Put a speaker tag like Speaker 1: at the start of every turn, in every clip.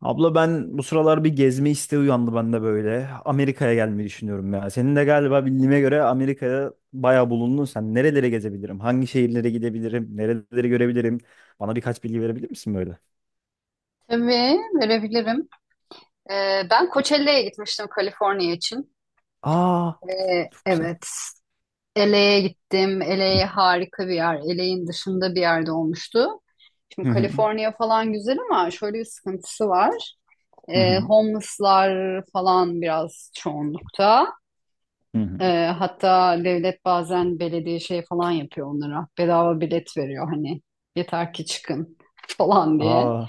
Speaker 1: Abla ben bu sıralar bir gezme isteği uyandı bende böyle. Amerika'ya gelmeyi düşünüyorum ya. Senin de galiba bildiğime göre Amerika'ya bayağı bulundun sen. Nerelere gezebilirim? Hangi şehirlere gidebilirim? Nereleri görebilirim? Bana birkaç bilgi verebilir misin böyle?
Speaker 2: Tabii verebilirim. Ben Coachella'ya gitmiştim Kaliforniya için.
Speaker 1: Aa,
Speaker 2: Ee,
Speaker 1: çok güzel.
Speaker 2: evet. LA'ye gittim. LA harika bir yer. LA'in dışında bir yerde olmuştu. Şimdi
Speaker 1: Hı hı.
Speaker 2: Kaliforniya falan güzel ama şöyle bir sıkıntısı var.
Speaker 1: Hı
Speaker 2: Ee,
Speaker 1: hı.
Speaker 2: homeless'lar falan biraz çoğunlukta.
Speaker 1: Hı hı.
Speaker 2: Ee, hatta devlet bazen belediye şey falan yapıyor onlara. Bedava bilet veriyor hani, yeter ki çıkın falan diye.
Speaker 1: Aa.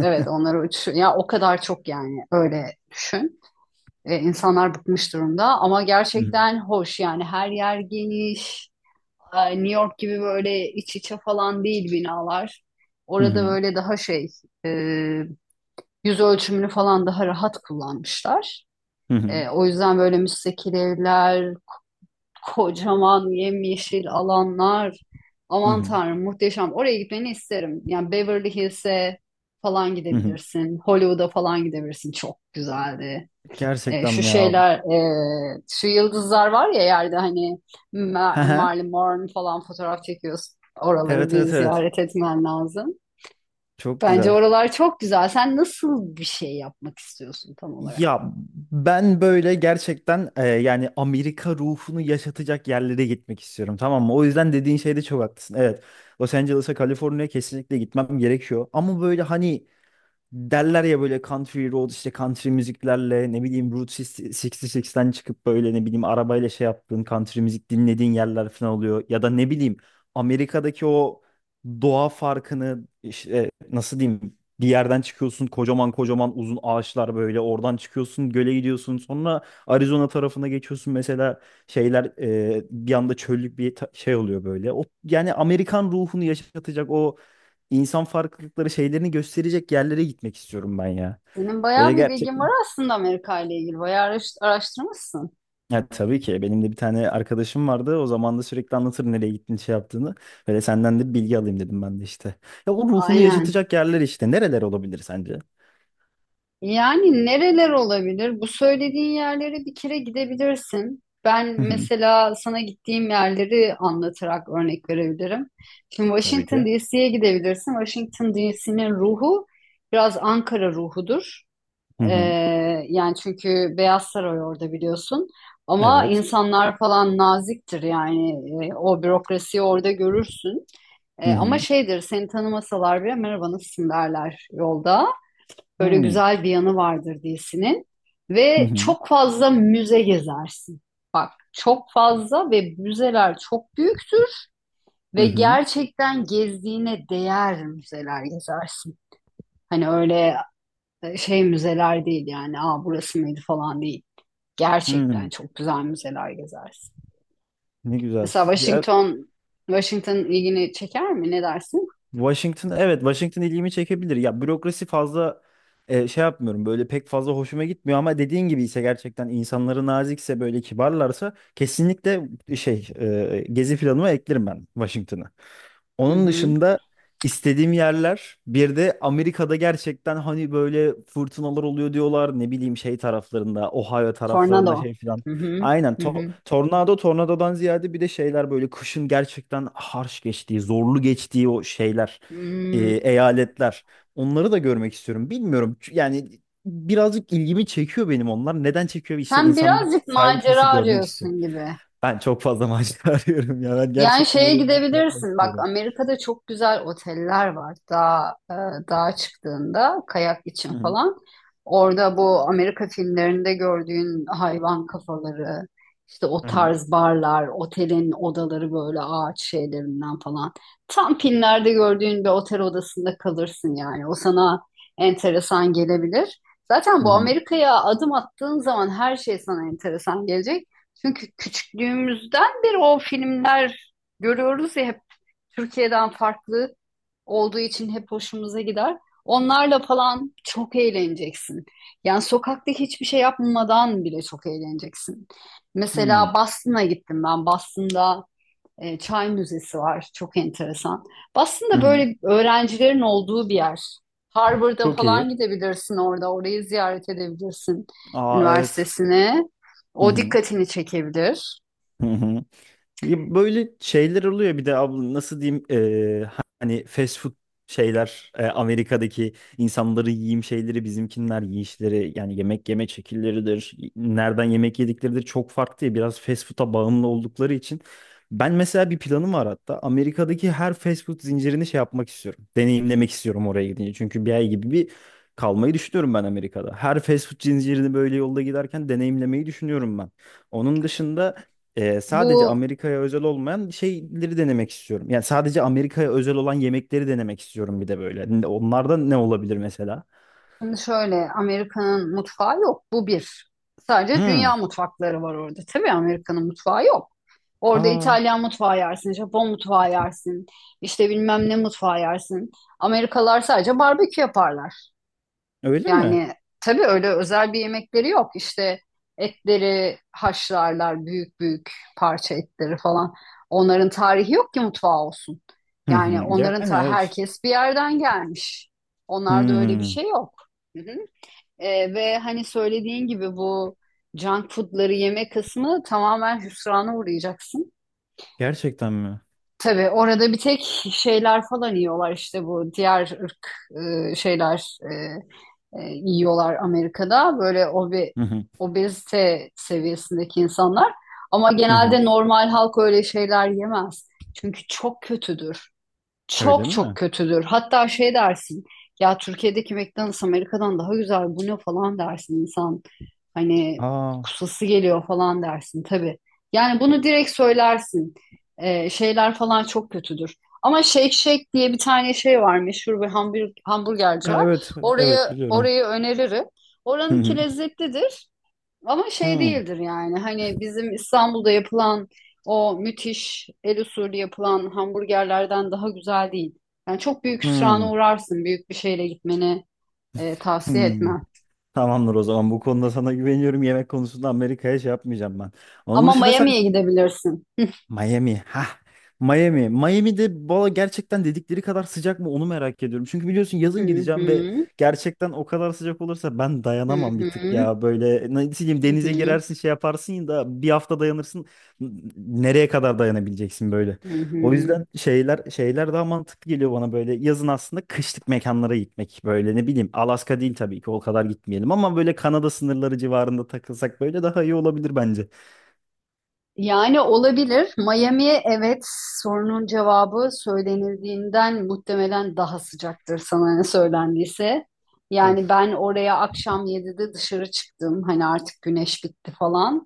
Speaker 2: Evet, onları uçuş ya, o kadar çok yani, öyle düşün. E, insanlar bıkmış durumda ama
Speaker 1: Hı hı.
Speaker 2: gerçekten hoş yani, her yer geniş. New York gibi böyle iç içe falan değil binalar.
Speaker 1: Hı
Speaker 2: Orada
Speaker 1: hı.
Speaker 2: böyle daha şey, e, yüz ölçümünü falan daha rahat kullanmışlar.
Speaker 1: Hı hı.
Speaker 2: O yüzden böyle müstakil evler, kocaman yemyeşil alanlar.
Speaker 1: Hı
Speaker 2: Aman
Speaker 1: hı.
Speaker 2: Tanrım, muhteşem. Oraya gitmeni isterim. Yani Beverly Hills'e falan
Speaker 1: Hı hı.
Speaker 2: gidebilirsin. Hollywood'a falan gidebilirsin. Çok güzeldi. E,
Speaker 1: Gerçekten
Speaker 2: şu
Speaker 1: mi ya?
Speaker 2: şeyler, şu yıldızlar var ya yerde, hani
Speaker 1: Hı hı.
Speaker 2: Marilyn Monroe falan, fotoğraf çekiyorsun. Oraları
Speaker 1: Evet, evet,
Speaker 2: bir
Speaker 1: evet.
Speaker 2: ziyaret etmen lazım.
Speaker 1: Çok
Speaker 2: Bence
Speaker 1: güzel.
Speaker 2: oralar çok güzel. Sen nasıl bir şey yapmak istiyorsun tam olarak?
Speaker 1: Ya ben böyle gerçekten yani Amerika ruhunu yaşatacak yerlere gitmek istiyorum, tamam mı? O yüzden dediğin şeyde çok haklısın. Evet, Los Angeles'a, Kaliforniya kesinlikle gitmem gerekiyor. Ama böyle hani derler ya, böyle country road işte, country müziklerle, ne bileyim, Route 66'den çıkıp böyle, ne bileyim, arabayla şey yaptığın country müzik dinlediğin yerler falan oluyor. Ya da ne bileyim, Amerika'daki o doğa farkını işte, nasıl diyeyim, bir yerden çıkıyorsun kocaman kocaman uzun ağaçlar, böyle oradan çıkıyorsun göle gidiyorsun, sonra Arizona tarafına geçiyorsun mesela, şeyler, bir anda çöllük bir şey oluyor böyle. O yani Amerikan ruhunu yaşatacak o insan farklılıkları şeylerini gösterecek yerlere gitmek istiyorum ben ya.
Speaker 2: Senin
Speaker 1: Böyle
Speaker 2: bayağı bir bilgin var
Speaker 1: gerçekten.
Speaker 2: aslında Amerika ile ilgili. Bayağı araştırmışsın.
Speaker 1: Ya tabii ki benim de bir tane arkadaşım vardı. O zaman da sürekli anlatır nereye gittiğini, şey yaptığını. Böyle senden de bilgi alayım dedim ben de işte. Ya o ruhunu
Speaker 2: Aynen.
Speaker 1: yaşatacak yerler işte. Nereler olabilir sence?
Speaker 2: Yani nereler olabilir? Bu söylediğin yerlere bir kere gidebilirsin. Ben
Speaker 1: Hı hı.
Speaker 2: mesela sana gittiğim yerleri anlatarak örnek verebilirim. Şimdi
Speaker 1: Tabii
Speaker 2: Washington
Speaker 1: ki.
Speaker 2: DC'ye gidebilirsin. Washington DC'nin ruhu biraz Ankara ruhudur.
Speaker 1: Hı hı.
Speaker 2: Ee, yani çünkü Beyaz Saray orada, biliyorsun. Ama
Speaker 1: Evet.
Speaker 2: insanlar falan naziktir yani. O bürokrasiyi orada görürsün.
Speaker 1: Hı
Speaker 2: Ama
Speaker 1: hı.
Speaker 2: şeydir, seni tanımasalar bile merhaba, nasılsın derler yolda.
Speaker 1: Hı
Speaker 2: Böyle
Speaker 1: hı.
Speaker 2: güzel bir yanı vardır dizinin.
Speaker 1: Hı
Speaker 2: Ve
Speaker 1: hı.
Speaker 2: çok fazla müze gezersin. Çok fazla, ve müzeler çok büyüktür
Speaker 1: Hı
Speaker 2: ve
Speaker 1: hı.
Speaker 2: gerçekten gezdiğine değer müzeler gezersin. Hani öyle, şey müzeler değil yani, aa, burası mıydı falan değil. Gerçekten
Speaker 1: Hı.
Speaker 2: çok güzel müzeler gezersin.
Speaker 1: Ne güzel.
Speaker 2: Mesela
Speaker 1: Ya
Speaker 2: Washington, Washington ilgini çeker mi? Ne dersin?
Speaker 1: Washington, evet Washington ilgimi çekebilir. Ya bürokrasi fazla şey yapmıyorum, böyle pek fazla hoşuma gitmiyor, ama dediğin gibi ise, gerçekten insanları nazikse, böyle kibarlarsa, kesinlikle şey, gezi planıma eklerim ben Washington'ı.
Speaker 2: Hı
Speaker 1: Onun
Speaker 2: hı.
Speaker 1: dışında istediğim yerler bir de Amerika'da gerçekten hani böyle fırtınalar oluyor diyorlar, ne bileyim şey taraflarında, Ohio taraflarında
Speaker 2: Tornado.
Speaker 1: şey filan.
Speaker 2: Hı hı.
Speaker 1: Aynen,
Speaker 2: Hı hı.
Speaker 1: tornado, tornadodan ziyade bir de şeyler, böyle kışın gerçekten harç geçtiği, zorlu geçtiği o şeyler,
Speaker 2: Hmm.
Speaker 1: eyaletler. Onları da görmek istiyorum. Bilmiyorum, yani birazcık ilgimi çekiyor benim onlar. Neden çekiyor? İşte
Speaker 2: Sen
Speaker 1: insanlar
Speaker 2: birazcık
Speaker 1: sahil kıyısı
Speaker 2: macera
Speaker 1: görmek istiyor.
Speaker 2: arıyorsun gibi.
Speaker 1: Ben çok fazla macera arıyorum ya. Ben
Speaker 2: Yani
Speaker 1: gerçekten
Speaker 2: şeye
Speaker 1: oraya gidip yapmak
Speaker 2: gidebilirsin. Bak,
Speaker 1: istiyorum.
Speaker 2: Amerika'da çok güzel oteller var. Dağ, dağa çıktığında kayak için
Speaker 1: Hı
Speaker 2: falan. Orada bu Amerika filmlerinde gördüğün hayvan kafaları, işte o
Speaker 1: hı, hı
Speaker 2: tarz barlar, otelin odaları böyle ağaç şeylerinden falan. Tam filmlerde gördüğün bir otel odasında kalırsın yani. O sana enteresan gelebilir. Zaten
Speaker 1: hı,
Speaker 2: bu
Speaker 1: hı
Speaker 2: Amerika'ya adım attığın zaman her şey sana enteresan gelecek. Çünkü küçüklüğümüzden beri o filmler görüyoruz ya, hep Türkiye'den farklı olduğu için hep hoşumuza gider. Onlarla falan çok eğleneceksin. Yani sokakta hiçbir şey yapmadan bile çok eğleneceksin.
Speaker 1: hı hı. Hı.
Speaker 2: Mesela Boston'a gittim ben. Boston'da Çay Müzesi var. Çok enteresan.
Speaker 1: Hı
Speaker 2: Boston'da
Speaker 1: hı.
Speaker 2: böyle öğrencilerin olduğu bir yer. Harvard'a
Speaker 1: Çok
Speaker 2: falan
Speaker 1: iyi.
Speaker 2: gidebilirsin orada. Orayı ziyaret edebilirsin,
Speaker 1: Aa, evet.
Speaker 2: üniversitesine.
Speaker 1: Hı
Speaker 2: O
Speaker 1: hı,
Speaker 2: dikkatini çekebilir.
Speaker 1: hı hı. Ya böyle şeyler oluyor bir de abla, nasıl diyeyim, hani fast food şeyler, Amerika'daki insanları yiyeyim şeyleri, bizimkinler yiyişleri, yani yemek yeme şekilleridir, nereden yemek yedikleridir çok farklı ya, biraz fast food'a bağımlı oldukları için ben mesela bir planım var hatta, Amerika'daki her fast food zincirini şey yapmak istiyorum, deneyimlemek istiyorum oraya gidince. Çünkü bir ay gibi bir kalmayı düşünüyorum ben Amerika'da, her fast food zincirini böyle yolda giderken deneyimlemeyi düşünüyorum ben. Onun dışında sadece
Speaker 2: Bu
Speaker 1: Amerika'ya özel olmayan şeyleri denemek istiyorum. Yani sadece Amerika'ya özel olan yemekleri denemek istiyorum bir de böyle. Onlarda ne olabilir mesela?
Speaker 2: Şimdi şöyle, Amerika'nın mutfağı yok. Bu bir. Sadece
Speaker 1: Hmm.
Speaker 2: dünya mutfakları var orada. Tabii, Amerika'nın mutfağı yok. Orada
Speaker 1: Aa,
Speaker 2: İtalyan mutfağı yersin, Japon mutfağı yersin, işte bilmem ne mutfağı yersin. Amerikalılar sadece barbekü yaparlar.
Speaker 1: öyle mi?
Speaker 2: Yani tabii, öyle özel bir yemekleri yok. İşte etleri haşlarlar, büyük büyük parça etleri falan. Onların tarihi yok ki mutfağı olsun.
Speaker 1: Hı hı.
Speaker 2: Yani
Speaker 1: Yani
Speaker 2: onların, ta
Speaker 1: evet.
Speaker 2: herkes bir yerden gelmiş. Onlarda öyle bir
Speaker 1: Hmm.
Speaker 2: şey yok. Hı hı. Ve hani söylediğin gibi bu junk foodları yeme kısmı, tamamen hüsrana uğrayacaksın.
Speaker 1: Gerçekten mi?
Speaker 2: Tabii orada bir tek şeyler falan yiyorlar işte, bu diğer ırk şeyler yiyorlar Amerika'da. Böyle
Speaker 1: Hı hı.
Speaker 2: obezite seviyesindeki insanlar. Ama
Speaker 1: Hı hı.
Speaker 2: genelde normal halk öyle şeyler yemez. Çünkü çok kötüdür.
Speaker 1: Öyle
Speaker 2: Çok çok
Speaker 1: mi?
Speaker 2: kötüdür. Hatta şey dersin ya, Türkiye'deki McDonald's Amerika'dan daha güzel, bu ne falan dersin insan. Hani
Speaker 1: Aa,
Speaker 2: kusası geliyor falan dersin tabii. Yani bunu direkt söylersin. Şeyler falan çok kötüdür. Ama Shake Shack diye bir tane şey var, meşhur bir hamburgerci
Speaker 1: ha,
Speaker 2: var.
Speaker 1: evet,
Speaker 2: Orayı,
Speaker 1: evet biliyorum.
Speaker 2: orayı öneririm.
Speaker 1: Hı
Speaker 2: Oranınki
Speaker 1: hı.
Speaker 2: lezzetlidir. Ama şey
Speaker 1: Hmm.
Speaker 2: değildir yani. Hani bizim İstanbul'da yapılan o müthiş el usulü yapılan hamburgerlerden daha güzel değil. Yani çok büyük hüsrana
Speaker 1: Hmm.
Speaker 2: uğrarsın. Büyük bir şeyle gitmeni tavsiye
Speaker 1: Hmm.
Speaker 2: etmem.
Speaker 1: Tamamdır, o zaman bu konuda sana güveniyorum. Yemek konusunda Amerika'ya şey yapmayacağım ben. Onun
Speaker 2: Ama
Speaker 1: dışında sen
Speaker 2: Miami'ye gidebilirsin.
Speaker 1: Miami. Ha. Miami. Miami'de valla gerçekten dedikleri kadar sıcak mı onu merak ediyorum. Çünkü biliyorsun yazın
Speaker 2: Hı hı,
Speaker 1: gideceğim ve gerçekten o kadar sıcak olursa ben
Speaker 2: hı
Speaker 1: dayanamam bir tık
Speaker 2: hı,
Speaker 1: ya. Böyle nasıl diyeyim,
Speaker 2: hı
Speaker 1: denize
Speaker 2: hı,
Speaker 1: girersin şey yaparsın da bir hafta dayanırsın. Nereye kadar dayanabileceksin böyle?
Speaker 2: hı
Speaker 1: O
Speaker 2: hı.
Speaker 1: yüzden şeyler daha mantıklı geliyor bana, böyle yazın aslında kışlık mekanlara gitmek. Böyle ne bileyim, Alaska değil tabii ki, o kadar gitmeyelim, ama böyle Kanada sınırları civarında takılsak böyle daha iyi olabilir bence.
Speaker 2: Yani olabilir. Miami, evet, sorunun cevabı söylenildiğinden muhtemelen daha sıcaktır, sana ne söylendiyse. Yani
Speaker 1: Of.
Speaker 2: ben oraya akşam 7'de dışarı çıktım. Hani artık güneş bitti falan.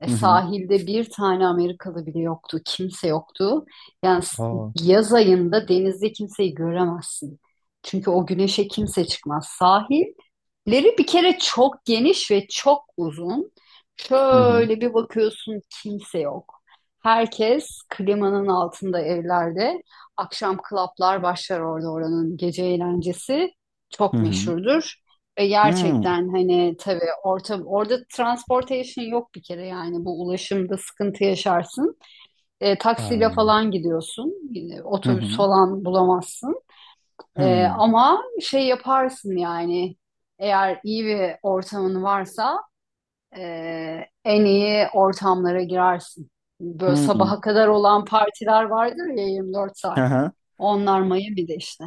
Speaker 2: E,
Speaker 1: Hı hı.
Speaker 2: sahilde bir tane Amerikalı bile yoktu. Kimse yoktu. Yani
Speaker 1: Aa.
Speaker 2: yaz ayında denizde kimseyi göremezsin. Çünkü o güneşe kimse çıkmaz. Sahilleri bir kere çok geniş ve çok uzun.
Speaker 1: Hı hı.
Speaker 2: Şöyle bir bakıyorsun, kimse yok. Herkes klimanın altında, evlerde. Akşam klaplar başlar orada, oranın gece eğlencesi
Speaker 1: Hı
Speaker 2: çok
Speaker 1: hı.
Speaker 2: meşhurdur. Ve
Speaker 1: Hmm.
Speaker 2: gerçekten hani tabii orada transportation yok bir kere yani, bu ulaşımda sıkıntı yaşarsın. E,
Speaker 1: Ha.
Speaker 2: taksiyle falan gidiyorsun. E,
Speaker 1: Hı
Speaker 2: Otobüs
Speaker 1: hı.
Speaker 2: falan bulamazsın. E,
Speaker 1: Hı.
Speaker 2: ama şey yaparsın yani, eğer iyi bir ortamın varsa en iyi ortamlara girersin. Böyle
Speaker 1: Hı.
Speaker 2: sabaha kadar olan partiler vardır ya, 24 saat.
Speaker 1: Aha.
Speaker 2: Onlar Miami'de işte.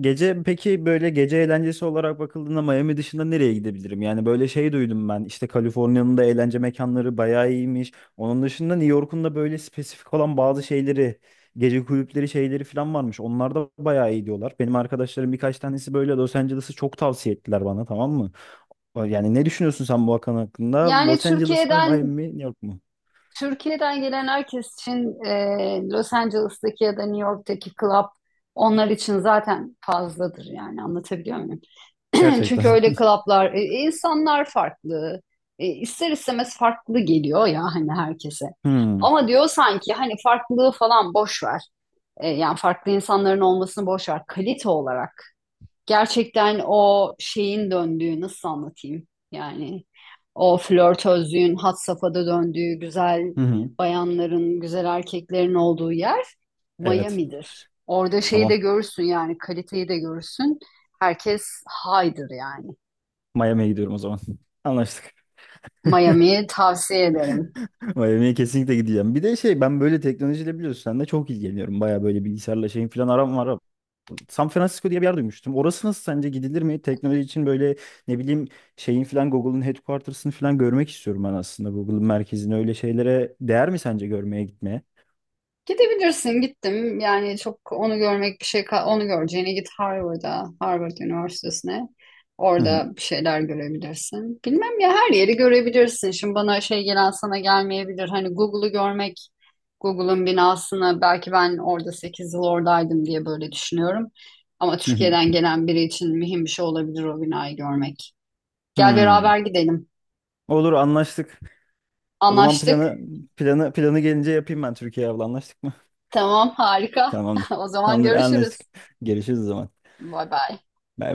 Speaker 1: Gece peki, böyle gece eğlencesi olarak bakıldığında Miami dışında nereye gidebilirim? Yani böyle şey duydum ben işte, Kaliforniya'nın da eğlence mekanları bayağı iyiymiş. Onun dışında New York'un da böyle spesifik olan bazı şeyleri, gece kulüpleri şeyleri falan varmış. Onlar da bayağı iyi diyorlar. Benim arkadaşlarım birkaç tanesi böyle Los Angeles'ı çok tavsiye ettiler bana, tamam mı? Yani ne düşünüyorsun sen bu hakan hakkında?
Speaker 2: Yani
Speaker 1: Los Angeles mı, Miami
Speaker 2: Türkiye'den
Speaker 1: mi, New York mu?
Speaker 2: Türkiye'den gelen herkes için Los Angeles'taki ya da New York'taki club onlar için zaten fazladır yani, anlatabiliyor muyum?
Speaker 1: Gerçekten.
Speaker 2: Çünkü öyle club'lar, insanlar farklı. E, ister istemez farklı geliyor ya, hani herkese.
Speaker 1: Hmm.
Speaker 2: Ama diyor sanki, hani farklılığı falan boş ver. Yani farklı insanların olmasını boş ver. Kalite olarak gerçekten o şeyin döndüğü, nasıl anlatayım? Yani o flörtözlüğün had safhada döndüğü, güzel
Speaker 1: Hı hı.
Speaker 2: bayanların, güzel erkeklerin olduğu yer
Speaker 1: Evet.
Speaker 2: Miami'dir. Orada şeyi de
Speaker 1: Tamam.
Speaker 2: görürsün yani, kaliteyi de görürsün. Herkes haydır yani.
Speaker 1: Miami'ye gidiyorum o zaman. Anlaştık.
Speaker 2: Miami'yi tavsiye ederim.
Speaker 1: Miami'ye kesinlikle gideceğim. Bir de şey, ben böyle teknolojiyle, biliyorsun sen de, çok ilgileniyorum. Baya böyle bilgisayarla şeyin falan aram var. San Francisco diye bir yer duymuştum. Orası nasıl sence, gidilir mi? Teknoloji için böyle, ne bileyim, şeyin falan, Google'ın headquarters'ını falan görmek istiyorum ben aslında. Google'ın merkezini, öyle şeylere değer mi sence görmeye gitmeye?
Speaker 2: Gidebilirsin. Gittim. Yani çok, onu görmek bir şey, onu göreceğine git Harvard'a, Harvard Üniversitesi'ne.
Speaker 1: Hı hı.
Speaker 2: Orada bir şeyler görebilirsin. Bilmem ya, her yeri görebilirsin. Şimdi bana şey gelen sana gelmeyebilir. Hani Google'u görmek, Google'ın binasını, belki ben orada 8 yıl oradaydım diye böyle düşünüyorum. Ama
Speaker 1: Hı hı.
Speaker 2: Türkiye'den gelen biri için mühim bir şey olabilir o binayı görmek. Gel
Speaker 1: Hmm.
Speaker 2: beraber gidelim.
Speaker 1: Olur, anlaştık. O zaman
Speaker 2: Anlaştık.
Speaker 1: planı gelince yapayım ben Türkiye'ye, abla anlaştık mı?
Speaker 2: Tamam, harika.
Speaker 1: Tamamdır.
Speaker 2: O zaman
Speaker 1: Tamamdır, anlaştık.
Speaker 2: görüşürüz.
Speaker 1: Görüşürüz o zaman.
Speaker 2: Bay bay.
Speaker 1: Bay bay.